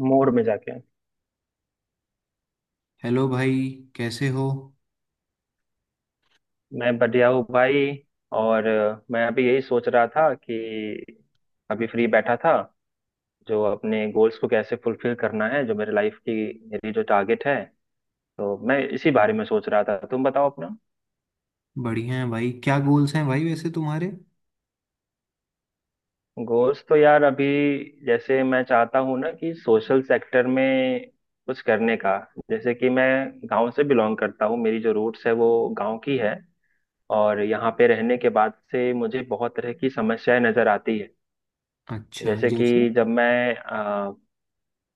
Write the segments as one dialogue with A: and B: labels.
A: मोड़ में जाके।
B: हेलो भाई। कैसे हो।
A: मैं बढ़िया हूँ भाई। और मैं अभी यही सोच रहा था कि अभी फ्री बैठा था, जो अपने गोल्स को कैसे फुलफिल करना है, जो मेरे लाइफ की मेरी जो टारगेट है। तो मैं इसी बारे में सोच रहा था, तुम बताओ अपना।
B: बढ़िया है भाई। क्या गोल्स हैं भाई वैसे तुम्हारे।
A: गोल्स तो यार अभी जैसे मैं चाहता हूँ ना कि सोशल सेक्टर में कुछ करने का। जैसे कि मैं गांव से बिलोंग करता हूँ, मेरी जो रूट्स है वो गांव की है। और यहाँ पे रहने के बाद से मुझे बहुत तरह की समस्याएं नजर आती है।
B: अच्छा,
A: जैसे
B: जैसे।
A: कि जब मैं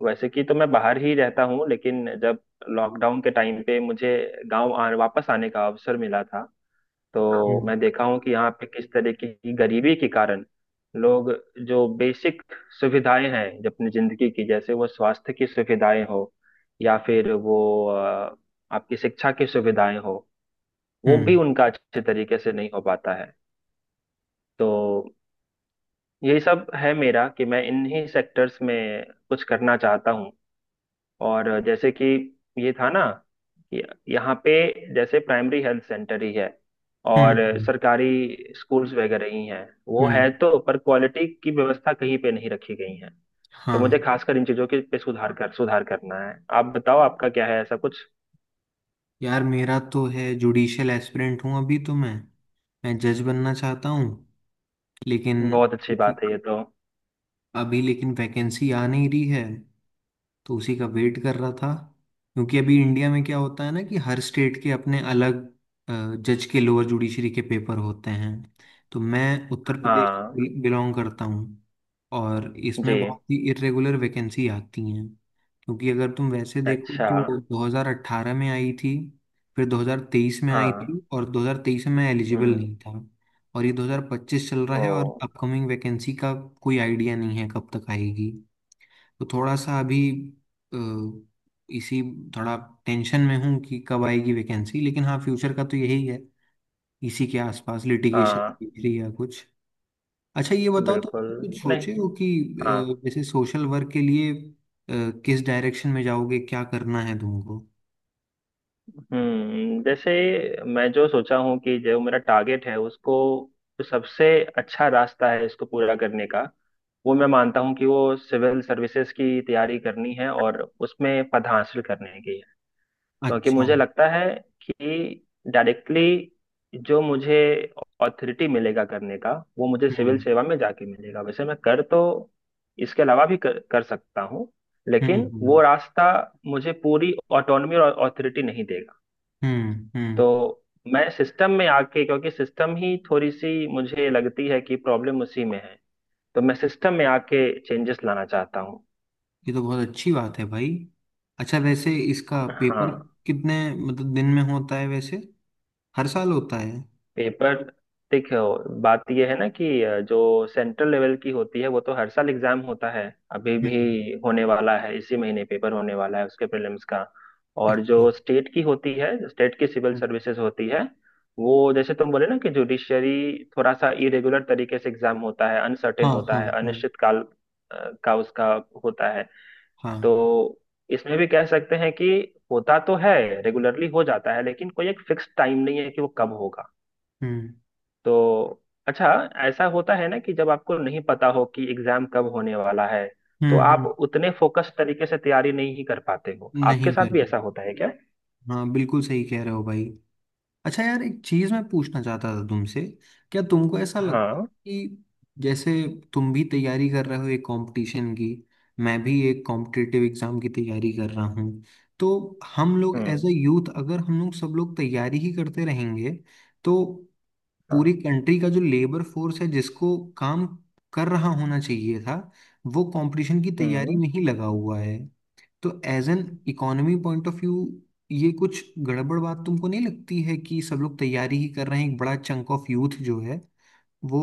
A: वैसे कि तो मैं बाहर ही रहता हूँ, लेकिन जब लॉकडाउन के टाइम पे मुझे गांव वापस आने का अवसर मिला था। तो
B: हम्म।
A: मैं देखा हूँ कि यहाँ पे किस तरीके की गरीबी के कारण लोग जो बेसिक सुविधाएं हैं जो अपनी जिंदगी की, जैसे वो स्वास्थ्य की सुविधाएं हो या फिर वो आपकी शिक्षा की सुविधाएं हो, वो भी
B: हम्म।
A: उनका अच्छे तरीके से नहीं हो पाता है। तो यही सब है मेरा कि मैं इन्हीं सेक्टर्स में कुछ करना चाहता हूँ। और जैसे कि ये था ना कि यहाँ पे जैसे प्राइमरी हेल्थ सेंटर ही है, और
B: हम्म।
A: सरकारी स्कूल्स वगैरह ही हैं, वो है
B: हम्म।
A: तो पर क्वालिटी की व्यवस्था कहीं पे नहीं रखी गई है। तो मुझे
B: हाँ।
A: खासकर इन चीजों के पे सुधार करना है। आप बताओ आपका क्या है ऐसा कुछ?
B: यार, मेरा तो है, जुडिशियल एस्पिरेंट हूँ अभी तो, मैं जज बनना चाहता हूँ। लेकिन
A: बहुत अच्छी बात है ये तो।
B: अभी, लेकिन वैकेंसी आ नहीं रही है। तो उसी का वेट कर रहा था। क्योंकि अभी इंडिया में क्या होता है ना, कि हर स्टेट के अपने अलग जज के, लोअर जुडिशरी के पेपर होते हैं। तो मैं उत्तर प्रदेश
A: हाँ,
B: बिलोंग करता हूँ। और
A: जी,
B: इसमें बहुत ही इरेगुलर वैकेंसी आती हैं। क्योंकि अगर तुम वैसे देखो
A: अच्छा,
B: तो 2018 में आई थी, फिर 2023 में आई थी,
A: हाँ,
B: और 2023 में मैं एलिजिबल
A: हम्म,
B: नहीं था। और ये 2025 चल रहा है,
A: ओ,
B: और अपकमिंग वैकेंसी का कोई आइडिया नहीं है कब तक आएगी। तो थोड़ा सा अभी अ, इसी, थोड़ा टेंशन में हूँ कि कब आएगी वैकेंसी। लेकिन हाँ, फ्यूचर का तो यही है, इसी के आसपास
A: हाँ,
B: लिटिगेशन या कुछ। अच्छा ये बताओ, तो
A: बिल्कुल,
B: तुम कुछ
A: नहीं,
B: सोचे हो कि
A: हाँ,
B: जैसे सोशल वर्क के लिए किस डायरेक्शन में जाओगे, क्या करना है तुमको।
A: हम्म, जैसे मैं जो सोचा हूँ कि जो मेरा टारगेट है उसको, जो सबसे अच्छा रास्ता है इसको पूरा करने का, वो मैं मानता हूँ कि वो सिविल सर्विसेज की तैयारी करनी है और उसमें पद हासिल करने की है। क्योंकि
B: अच्छा।
A: मुझे लगता है कि डायरेक्टली जो मुझे ऑथोरिटी मिलेगा करने का, वो मुझे सिविल
B: हम्म।
A: सेवा में जाके मिलेगा। वैसे मैं कर तो इसके अलावा भी कर सकता हूँ,
B: हम्म।
A: लेकिन वो
B: हम्म।
A: रास्ता मुझे पूरी ऑटोनॉमी और ऑथोरिटी नहीं देगा।
B: हम्म। हम्म।
A: तो मैं सिस्टम में आके, क्योंकि सिस्टम ही थोड़ी सी मुझे लगती है कि प्रॉब्लम उसी में है, तो मैं सिस्टम में आके चेंजेस लाना चाहता हूँ।
B: ये तो बहुत अच्छी बात है भाई। अच्छा वैसे इसका पेपर
A: हाँ,
B: कितने, मतलब दिन में होता है वैसे, हर साल होता है।
A: पेपर। देखो बात यह है ना कि जो सेंट्रल लेवल की होती है वो तो हर साल एग्जाम होता है। अभी
B: हम्म।
A: भी होने वाला है, इसी महीने पेपर होने वाला है उसके प्रीलिम्स का। और
B: अच्छा।
A: जो स्टेट की होती है, स्टेट की सिविल
B: हाँ।
A: सर्विसेज होती है, वो जैसे तुम बोले ना कि जुडिशरी थोड़ा सा इरेगुलर तरीके से एग्जाम होता है, अनसर्टेन
B: हाँ।
A: होता
B: हाँ।
A: है, अनिश्चित काल का उसका होता है। तो
B: हाँ।
A: इसमें भी कह सकते हैं कि होता तो है, रेगुलरली हो जाता है, लेकिन कोई एक फिक्स टाइम नहीं है कि वो कब होगा।
B: हम्म।
A: तो अच्छा, ऐसा होता है ना कि जब आपको नहीं पता हो कि एग्जाम कब होने वाला है, तो
B: हम्म।
A: आप
B: हम्म।
A: उतने फोकस तरीके से तैयारी नहीं कर पाते हो। आपके
B: नहीं
A: साथ
B: कर
A: भी
B: पा
A: ऐसा होता है क्या?
B: हाँ, बिल्कुल सही कह रहे हो भाई। अच्छा यार, एक चीज मैं पूछना चाहता था तुमसे। क्या तुमको ऐसा लगता
A: हाँ,
B: है कि जैसे, तुम भी तैयारी कर रहे हो एक कंपटीशन की, मैं भी एक कॉम्पिटिटिव एग्जाम की तैयारी कर रहा हूँ। तो हम लोग एज
A: हम्म,
B: अ यूथ, अगर हम लोग सब लोग तैयारी ही करते रहेंगे, तो पूरी
A: हाँ,
B: कंट्री का जो लेबर फोर्स है जिसको काम कर रहा होना चाहिए था, वो कंपटीशन की तैयारी
A: हम्म,
B: में ही लगा हुआ है। तो as an economy point of view, ये कुछ गड़बड़ बात तुमको नहीं लगती है कि सब लोग तैयारी ही कर रहे हैं, एक बड़ा चंक ऑफ यूथ जो है वो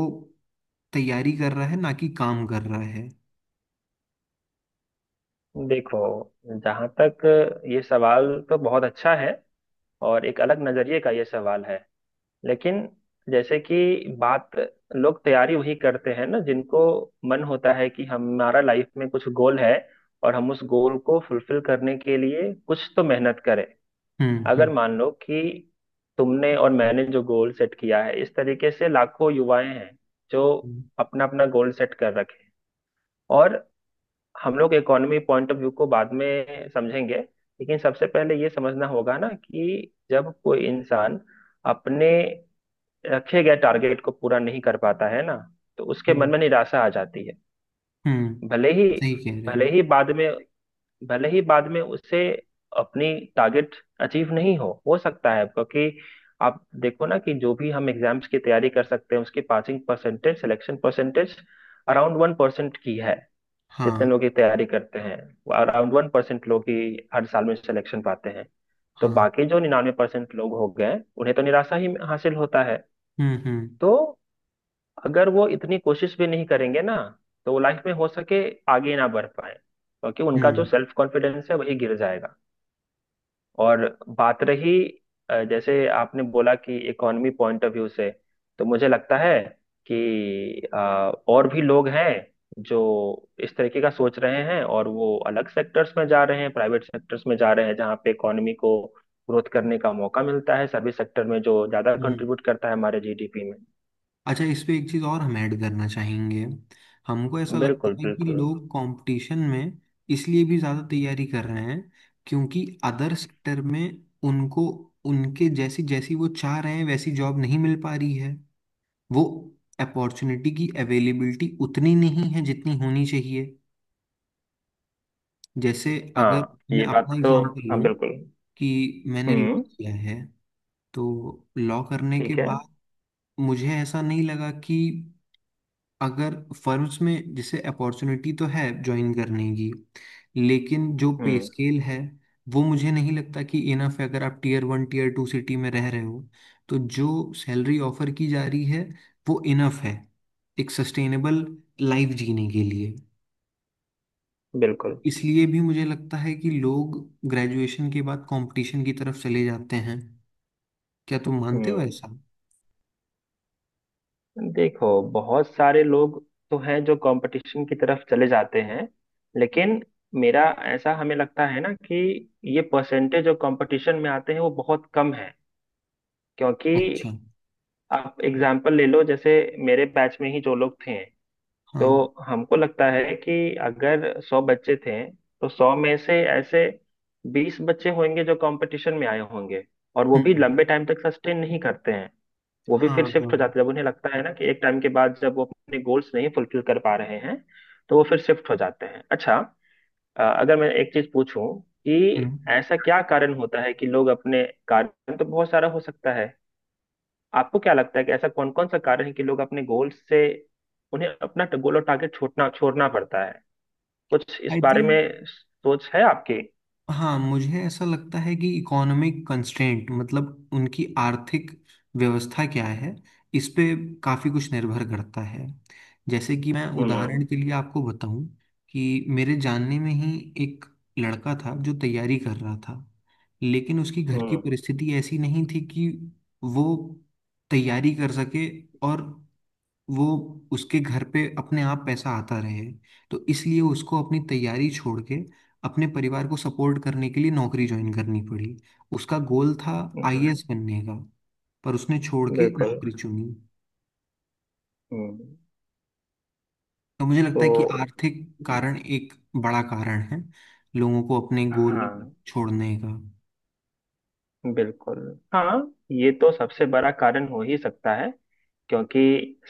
B: तैयारी कर रहा है ना कि काम कर रहा है।
A: देखो जहाँ तक ये सवाल तो बहुत अच्छा है और एक अलग नजरिए का ये सवाल है। लेकिन जैसे कि बात लोग तैयारी वही करते हैं ना जिनको मन होता है कि हमारा लाइफ में कुछ गोल है, और हम उस गोल को फुलफिल करने के लिए कुछ तो मेहनत करें।
B: हम्म।
A: अगर
B: हम्म।
A: मान लो कि तुमने और मैंने जो गोल सेट किया है, इस तरीके से लाखों युवाएं हैं जो
B: हम्म।
A: अपना अपना गोल सेट कर रखे हैं। और हम लोग इकोनॉमी पॉइंट ऑफ व्यू को बाद में समझेंगे, लेकिन सबसे पहले ये समझना होगा ना कि जब कोई इंसान अपने रखे गए टारगेट को पूरा नहीं कर पाता है ना, तो उसके मन
B: हम्म।
A: में निराशा आ जाती है।
B: हम्म,
A: भले ही
B: सही कह रहे हो।
A: भले ही बाद में भले ही बाद में उसे अपनी टारगेट अचीव नहीं हो सकता है। क्योंकि आप देखो ना कि जो भी हम एग्जाम्स की तैयारी कर सकते हैं उसकी passing percentage, selection percentage around 1% की है। जितने
B: हाँ।
A: लोग की तैयारी करते हैं, अराउंड 1% लोग ही हर साल में सिलेक्शन पाते हैं। तो
B: हाँ।
A: बाकी जो 99% लोग हो गए, उन्हें तो निराशा ही हासिल होता है।
B: हम्म। हम्म।
A: तो अगर वो इतनी कोशिश भी नहीं करेंगे ना, तो वो लाइफ में हो सके आगे ना बढ़ पाए, क्योंकि उनका जो
B: हम्म।
A: सेल्फ कॉन्फिडेंस है वही गिर जाएगा। और बात रही, जैसे आपने बोला कि इकोनॉमी पॉइंट ऑफ व्यू से, तो मुझे लगता है कि और भी लोग हैं जो इस तरीके का सोच रहे हैं, और वो अलग सेक्टर्स में जा रहे हैं, प्राइवेट सेक्टर्स में जा रहे हैं, जहाँ पे इकोनॉमी को ग्रोथ करने का मौका मिलता है। सर्विस सेक्टर में जो ज्यादा
B: हम्म।
A: कंट्रीब्यूट करता है हमारे जीडीपी में।
B: अच्छा इस पे एक चीज़ और हम ऐड करना चाहेंगे। हमको ऐसा लगता
A: बिल्कुल,
B: है कि
A: बिल्कुल।
B: लोग कंपटीशन में इसलिए भी ज़्यादा तैयारी कर रहे हैं, क्योंकि अदर सेक्टर में उनको, उनके जैसी जैसी वो चाह रहे हैं वैसी जॉब नहीं मिल पा रही है। वो अपॉर्चुनिटी की अवेलेबिलिटी उतनी नहीं है जितनी होनी चाहिए। जैसे, अगर
A: हाँ,
B: मैं
A: ये बात
B: अपना
A: तो।
B: एग्जांपल
A: हाँ,
B: लूं
A: बिल्कुल।
B: कि मैंने लॉ
A: हम्म,
B: किया है, तो लॉ करने के
A: ठीक है,
B: बाद मुझे ऐसा नहीं लगा कि अगर फर्म्स में, जैसे अपॉर्चुनिटी तो है ज्वाइन करने की, लेकिन जो पे
A: हम्म,
B: स्केल है, वो मुझे नहीं लगता कि इनफ है, अगर आप tier one tier two city में रह रहे हो। तो जो सैलरी ऑफर की जा रही है वो इनफ है एक सस्टेनेबल लाइफ जीने के लिए।
A: बिल्कुल,
B: इसलिए भी मुझे लगता है कि लोग ग्रेजुएशन के बाद कंपटीशन की तरफ चले जाते हैं। क्या तुम मानते हो
A: हम्म,
B: ऐसा।
A: देखो बहुत सारे लोग तो हैं जो कंपटीशन की तरफ चले जाते हैं, लेकिन मेरा ऐसा हमें लगता है ना कि ये परसेंटेज जो कंपटीशन में आते हैं वो बहुत कम है। क्योंकि
B: अच्छा।
A: आप एग्जाम्पल ले लो, जैसे मेरे बैच में ही जो लोग थे, तो
B: हाँ।
A: हमको लगता है कि अगर 100 बच्चे थे तो 100 में से ऐसे 20 बच्चे होंगे जो कंपटीशन में आए होंगे। और वो भी
B: हम्म।
A: लंबे टाइम तक सस्टेन नहीं करते हैं, वो भी
B: हाँ।
A: फिर
B: हाँ।
A: शिफ्ट हो जाते हैं जब उन्हें लगता है ना कि एक टाइम के बाद जब वो अपने गोल्स नहीं फुलफिल कर पा रहे हैं, तो वो फिर शिफ्ट हो जाते हैं। अच्छा, अगर मैं एक चीज पूछूं कि ऐसा क्या कारण होता है कि लोग अपने, कारण तो बहुत सारा हो सकता है, आपको क्या लगता है कि ऐसा कौन कौन सा कारण है कि लोग अपने गोल से, उन्हें अपना गोल और टारगेट छोड़ना छोड़ना पड़ता है, कुछ इस
B: आई
A: बारे
B: थिंक,
A: में सोच है आपकी?
B: हाँ मुझे ऐसा लगता है कि इकोनॉमिक कंस्ट्रेंट, मतलब उनकी आर्थिक व्यवस्था क्या है इस पे काफ़ी कुछ निर्भर करता है। जैसे कि मैं
A: हम्म,
B: उदाहरण के लिए आपको बताऊं, कि मेरे जानने में ही एक लड़का था जो तैयारी कर रहा था, लेकिन उसकी घर की
A: हम्म,
B: परिस्थिति ऐसी नहीं थी कि वो तैयारी कर सके, और वो, उसके घर पे अपने आप पैसा आता रहे। तो इसलिए उसको अपनी तैयारी छोड़ के अपने परिवार को सपोर्ट करने के लिए नौकरी ज्वाइन करनी पड़ी। उसका गोल था
A: हाँ,
B: आईएएस बनने का, पर उसने छोड़ के
A: बिल्कुल,
B: नौकरी चुनी।
A: हम्म,
B: तो मुझे लगता है कि
A: तो
B: आर्थिक
A: ये-
B: कारण एक बड़ा कारण है लोगों को अपने गोल
A: हाँ,
B: छोड़ने का।
A: बिल्कुल। हाँ, ये तो सबसे बड़ा कारण हो ही सकता है। क्योंकि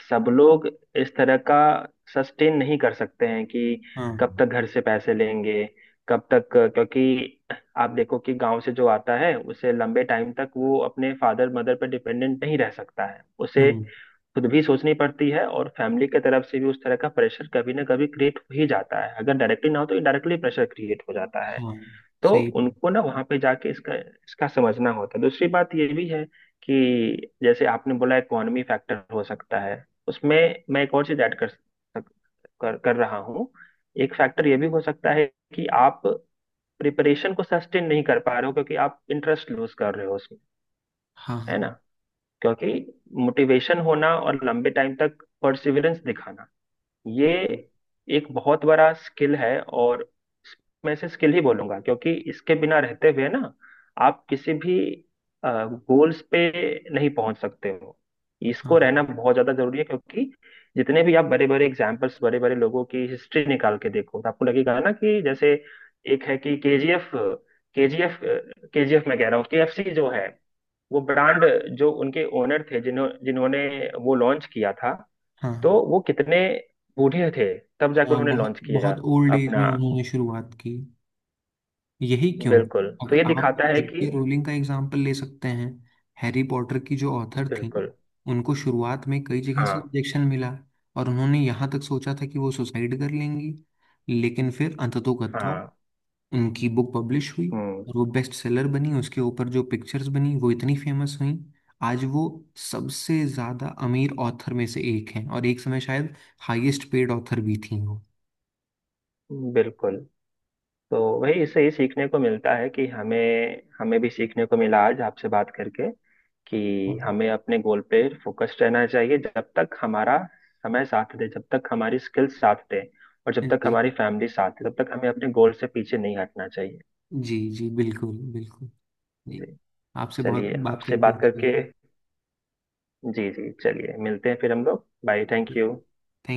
A: सब लोग इस तरह का सस्टेन नहीं कर सकते हैं कि
B: हाँ।
A: कब तक घर से पैसे लेंगे, कब तक, क्योंकि आप देखो कि गांव से जो आता है उसे लंबे टाइम तक वो अपने फादर मदर पर डिपेंडेंट नहीं रह सकता है। उसे
B: हम्म।
A: खुद भी सोचनी पड़ती है, और फैमिली के तरफ से भी उस तरह का प्रेशर कभी ना कभी क्रिएट हो ही जाता है, अगर डायरेक्टली ना हो तो इनडायरेक्टली प्रेशर क्रिएट हो जाता है।
B: हाँ।
A: तो
B: सही है।
A: उनको ना वहां पे जाके इसका इसका समझना होता है। दूसरी बात ये भी है कि जैसे आपने बोला इकोनॉमी फैक्टर हो सकता है उसमें, मैं एक और चीज ऐड कर रहा हूँ। एक फैक्टर ये भी हो सकता है कि आप प्रिपरेशन को सस्टेन नहीं कर पा रहे हो क्योंकि आप इंटरेस्ट लूज कर रहे हो उसमें,
B: हाँ।
A: है ना?
B: हाँ।
A: क्योंकि मोटिवेशन होना और लंबे टाइम तक परसिवरेंस दिखाना, ये एक बहुत बड़ा स्किल है। और मैं इसे स्किल ही बोलूंगा, क्योंकि इसके बिना रहते हुए ना आप किसी भी गोल्स पे नहीं पहुंच सकते हो। इसको रहना
B: हाँ।
A: बहुत ज्यादा जरूरी है। क्योंकि जितने भी आप बड़े बड़े एग्जाम्पल्स, बड़े बड़े लोगों की हिस्ट्री निकाल के देखो तो आपको लगेगा ना कि जैसे एक है कि केजीएफ, केजीएफ केजीएफ मैं कह रहा हूँ, केएफसी जो है, वो ब्रांड, जो उनके ओनर थे जिन्होंने वो लॉन्च किया था। तो
B: हाँ।
A: वो कितने बूढ़े थे, तब जाकर
B: हाँ,
A: उन्होंने
B: बहुत
A: लॉन्च किया
B: बहुत ओल्ड एज में
A: अपना।
B: उन्होंने शुरुआत की। यही क्यों,
A: बिल्कुल, तो
B: अगर
A: ये
B: आप
A: दिखाता है कि
B: जेके रोलिंग का एग्जाम्पल ले सकते हैं। हैरी पॉटर की जो ऑथर थी,
A: बिल्कुल,
B: उनको शुरुआत में कई जगह से
A: हाँ
B: रिजेक्शन मिला, और उन्होंने यहाँ तक सोचा था कि वो सुसाइड कर लेंगी। लेकिन फिर अंततोगत्वा
A: हाँ,
B: उनकी बुक पब्लिश हुई,
A: हम्म,
B: और वो बेस्ट सेलर बनी, उसके ऊपर जो पिक्चर्स बनी वो इतनी फेमस हुई। आज वो सबसे ज़्यादा अमीर ऑथर में से एक हैं, और एक समय शायद हाईएस्ट पेड ऑथर भी थी वो।
A: बिल्कुल, तो वही इससे ही सीखने को मिलता है कि हमें, हमें भी सीखने को मिला आज आपसे बात करके, कि
B: हाँ।
A: हमें अपने गोल पे फोकस्ड रहना चाहिए जब तक हमारा समय साथ दे, जब तक हमारी स्किल्स साथ दे, और जब तक
B: जी।
A: हमारी फैमिली साथ दे, तब तक हमें अपने गोल से पीछे नहीं हटना चाहिए।
B: जी जी बिल्कुल बिल्कुल। जी।
A: जी,
B: आपसे बहुत
A: चलिए
B: बात
A: आपसे
B: करके
A: बात करके,
B: अच्छा
A: जी जी चलिए मिलते हैं फिर हम लोग। बाय, थैंक
B: लगा।
A: यू।